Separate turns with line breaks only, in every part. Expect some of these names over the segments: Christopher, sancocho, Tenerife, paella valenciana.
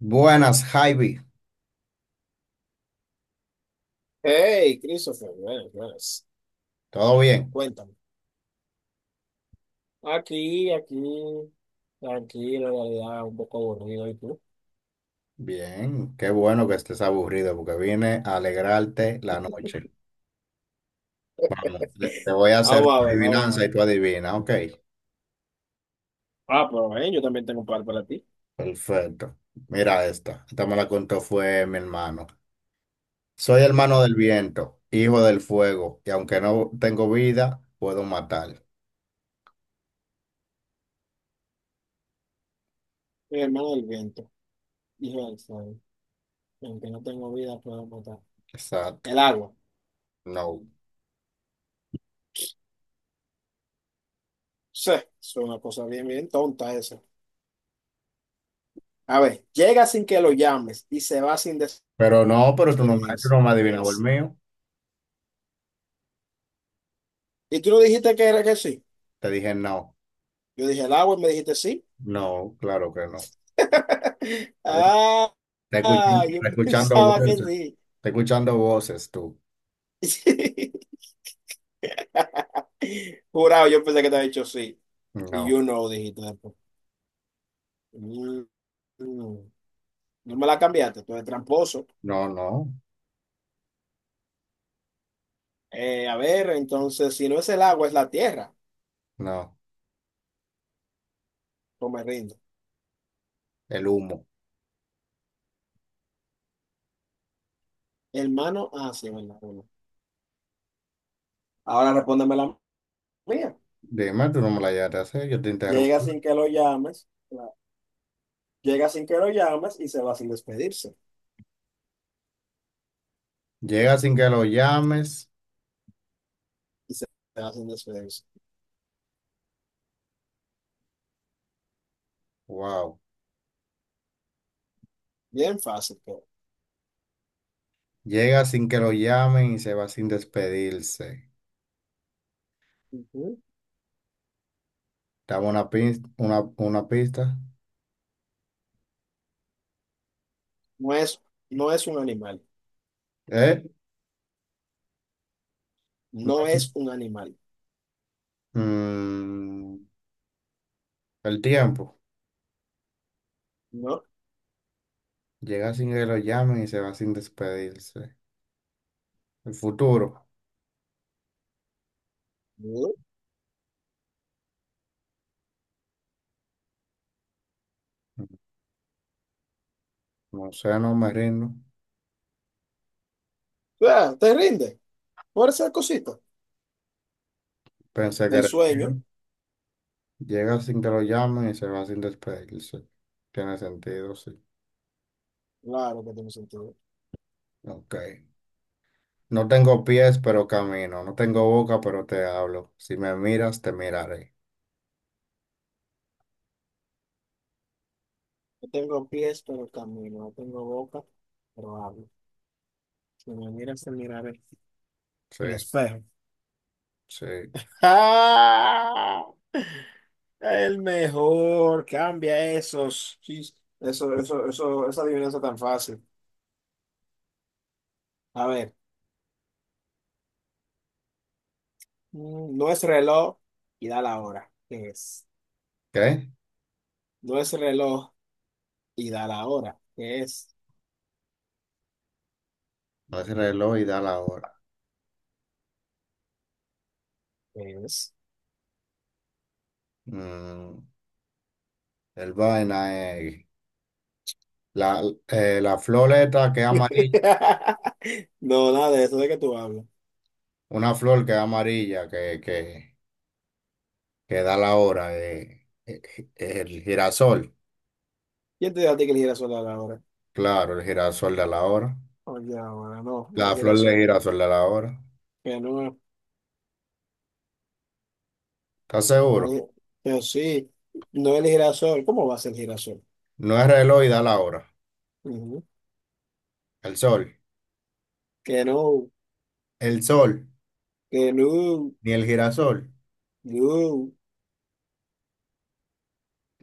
Buenas, Javi.
Hey, Christopher, buenas, buenas.
¿Todo bien?
Cuéntame. Aquí, aquí, tranquilo, en realidad, un poco aburrido. ¿Y tú?
Bien, qué bueno que estés aburrido porque vine a alegrarte la noche. Vamos, te voy a hacer
Vamos
tu
a ver, vamos a
adivinanza
ver.
y tú adivina, ok.
Ah, pero yo también tengo un par para ti.
Perfecto. Mira esta. Esta me la contó fue mi hermano. Soy
A
hermano
ver.
del viento, hijo del fuego, y aunque no tengo vida, puedo matar.
Mi hermano del viento, hijo del sol, aunque no tengo vida, puedo matar.
Exacto.
El agua.
No.
Sí, es una cosa bien, bien tonta esa. A ver, llega sin que lo llames y se va sin
Pero no, pero tú no, tú
despedirse.
no me
¿Qué
adivinabas el
es?
mío.
¿Y tú no dijiste que era que sí?
Te dije no.
Yo dije el agua y me dijiste sí.
No, claro que no.
Ah, ah,
Está
yo
escuchando
pensaba que
voces.
sí.
Está escuchando voces tú.
Jurado, yo pensé que te había dicho sí. Y
No,
yo no, dijiste después. Mm, mm. No me la cambiaste, tú eres tramposo.
no, no,
A ver, entonces, si no es el agua, es la tierra.
no.
Pues me rindo.
El humo.
Hermano, ah, sí, verdad. Bueno. Ahora respóndeme la mía.
Dime, tú no me la llegaste a hacer, yo te interrumpo.
Llega sin que lo llames. Llega sin que lo llames y se va sin despedirse.
Llega sin que lo llames.
Y se va sin despedirse.
Wow.
Bien fácil, todo.
Llega sin que lo llamen y se va sin despedirse.
Ujú.
Dame una pista, una pista.
No es, no es un animal.
¿Eh?
No
No.
es un animal.
Mm, el tiempo.
No.
Llega sin que lo llamen y se va sin despedirse. El futuro.
No.
No sé, no me rindo.
Ah, te rinde. Por esa cosita.
Pensé que
El
era el
sueño.
tiempo. Llega sin que lo llamen y se va sin despedirse. Tiene sentido, sí.
Claro que tiene sentido.
Ok. No tengo pies, pero camino. No tengo boca, pero te hablo. Si me miras, te miraré.
No tengo pies, pero camino. No tengo boca, pero hablo. Si me miras, te miraré.
Sí,
El espejo.
sí.
¡Ah! El mejor. Cambia esos. Eso, eso, eso, esa adivinanza tan fácil. A ver. No es reloj y da la hora. ¿Qué es?
¿Qué?
No es reloj y dar ahora. Que es?
No es el reloj y da la hora.
Que es?
Mm, el vaina es la, la flor esta que es amarilla.
No, nada de eso de que tú hablas.
Una flor que es amarilla, que da la hora. El girasol.
¿Quién te dijo a ti que el girasol da la hora?
Claro, el girasol de la hora.
Oye, ahora no,
La
no el
flor de
girasol.
girasol de la hora.
Que no, no
¿Estás seguro?
no que sí, no el girasol. ¿Cómo va a ser el girasol?
No es reloj y da la hora.
Ujú.
El sol.
Que no,
El sol,
que no,
ni el girasol.
no.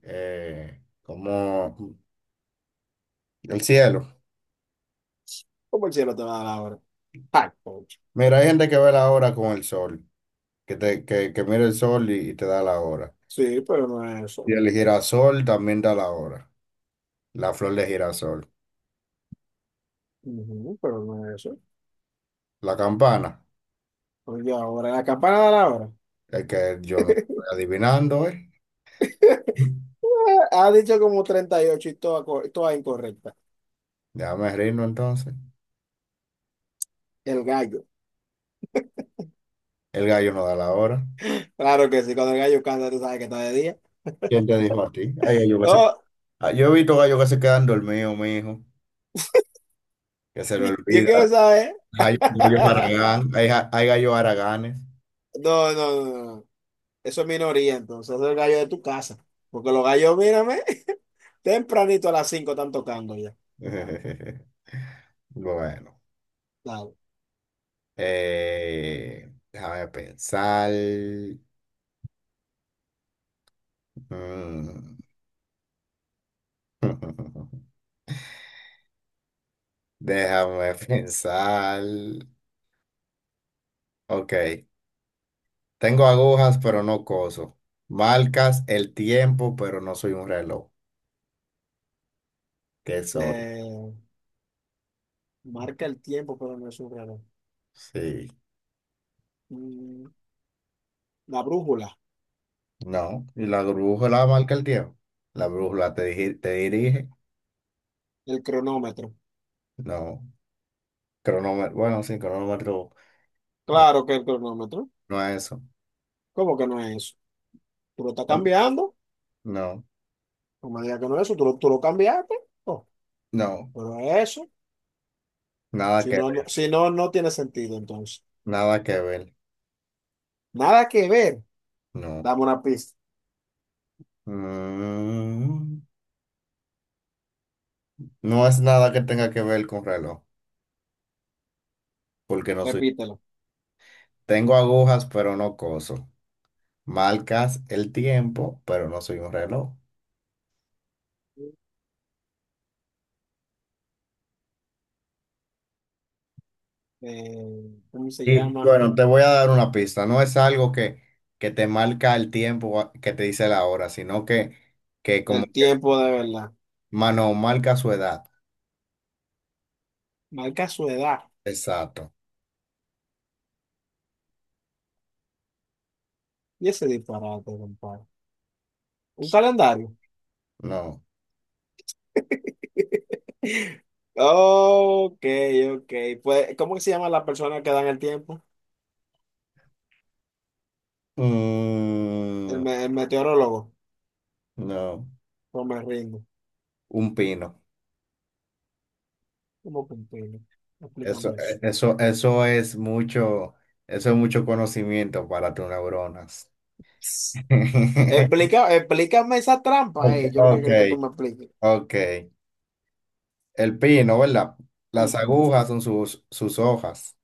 Como el cielo.
¿Cómo el cielo te va a dar la hora? Ay, concha.
Mira, hay gente que ve la hora con el sol, que mira el sol y te da la hora.
Sí, pero no es
Y
eso.
el girasol también da la hora. La flor de girasol.
Ujú, pero no es eso.
La campana,
Oye, ahora la campana da la hora.
el que yo no estoy adivinando, ¿eh?
Ha dicho como 38 y ocho y toda, toda incorrecta.
Déjame reírnos entonces.
El gallo.
El gallo no da la hora.
Claro que sí, cuando el gallo canta, tú sabes que está de día.
¿Quién te dijo a ti? Ay,
Oh,
Ah, yo he visto gallos que se quedan dormidos, mijo, que se le
yo
olvida.
quiero saber.
Hay gallos haraganes, hay gallos haraganes.
No, no, no, no. Eso es minoría, entonces. Eso es el gallo de tu casa. Porque los gallos, mírame, tempranito a las 5 están tocando ya.
Bueno,
Claro.
déjame pensar. Mm. Déjame pensar. Ok, tengo agujas, pero no coso. Marcas el tiempo, pero no soy un reloj. ¿Qué soy?
Eh, marca el tiempo, pero no es un reloj.
Sí,
Mm, La brújula,
no. ¿Y la brújula marca el tiempo? ¿La brújula te, te dirige?
el cronómetro.
No. Cronómetro, bueno, sí, cronómetro. mi-
Claro que el cronómetro.
No es eso.
¿Cómo que no es eso? Tú lo estás cambiando.
No,
No me digas que no es eso. Tú lo cambiaste. Oh,
no,
pero eso.
nada
Si
que
no,
ver,
si no, no tiene sentido entonces.
nada que ver,
Nada que ver.
no.
Dame una pista.
Mm, no es nada que tenga que ver con reloj, porque no soy.
Repítelo.
Tengo agujas, pero no coso. Marcas el tiempo, pero no soy un reloj.
¿Cómo se
Y
llama?
bueno, te voy a dar una pista. No es algo que te marca el tiempo, que te dice la hora, sino que como
El
que,
tiempo de verdad.
mano, marca su edad.
Marca su edad.
Exacto.
Y ese disparate, compadre. Un calendario.
No.
Ok, ok. Pues, ¿cómo se llama la persona que dan el tiempo? El,
Mm,
me- el meteorólogo.
no.
Pues me rindo.
Un pino.
¿Cómo que? Explícame
Eso,
eso.
e- eso, eso es mucho, eso es mucho conocimiento para tus neuronas.
Explícame esa trampa,
Ok,
eh. Yo lo que
ok,
creo que tú me expliques.
ok. El pino, ¿verdad? Las
Ujú.
agujas son sus hojas.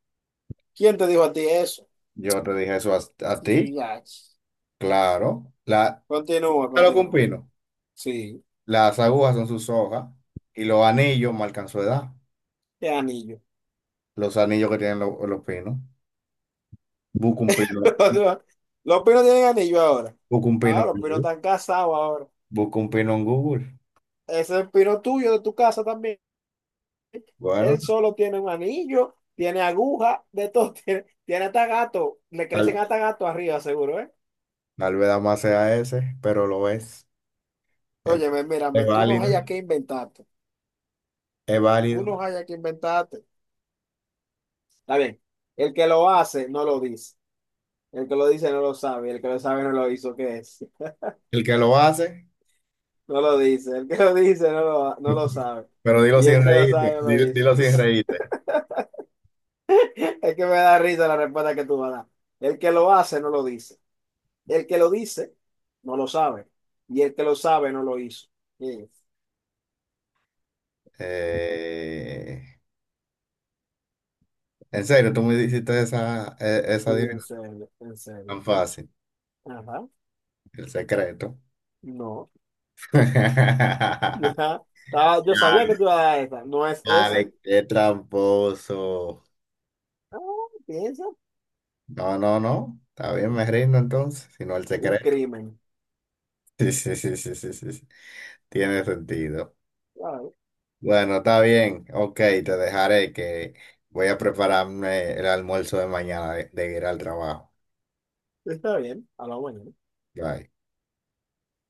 ¿Quién te dijo a ti eso?
Yo te dije eso a ti,
Ya.
claro. La,
Continúa,
claro que un
continúa.
pino.
Sí,
Las agujas son sus hojas y los anillos marcan su edad.
qué anillo.
Los anillos que tienen los pinos. Busca un pino,
Los pinos tienen anillo ahora.
busca un pino
Ahora,
en
los pinos
Google.
están casados ahora.
Busca un pino en Google.
Ese es el pino tuyo de tu casa también.
Bueno.
Él solo tiene un anillo, tiene aguja, de todo. Tiene hasta gato. Le crecen hasta gato arriba, seguro, ¿eh?
Tal vez más sea ese, pero lo es. Entonces,
Óyeme, mírame,
es
tú no
válido,
hayas que inventarte.
es
Tú
válido.
no hayas que inventarte. Está bien. El que lo hace no lo dice. El que lo dice no lo sabe. El que lo sabe no lo hizo. ¿Qué es?
El que lo hace,
No lo dice, el que lo dice no lo sabe.
pero dilo
Y el
sin
que lo
reírte,
sabe no lo dice.
dilo sin reírte.
Es que me da risa la respuesta que tú vas a dar. El que lo hace no lo dice. El que lo dice no lo sabe. Y el que lo sabe no lo hizo. Sí,
Eh, en serio, tú me hiciste esa
sí, en
adivinanza
serio, en serio.
tan fácil,
Ajá,
el secreto.
no. Ajá. Yo
Ya,
sabía que tú ibas a dar esa. No es esa.
dale, qué tramposo.
Ah, piensa.
No, no, no. Está bien, me rindo entonces, sino el
Un
secreto.
crimen.
Sí, sí, sí, sí, sí, sí, sí. Tiene sentido.
Claro,
Bueno, está bien. Ok, te dejaré que voy a prepararme el almuerzo de mañana de ir al trabajo.
está bien. A la mañana.
Bye.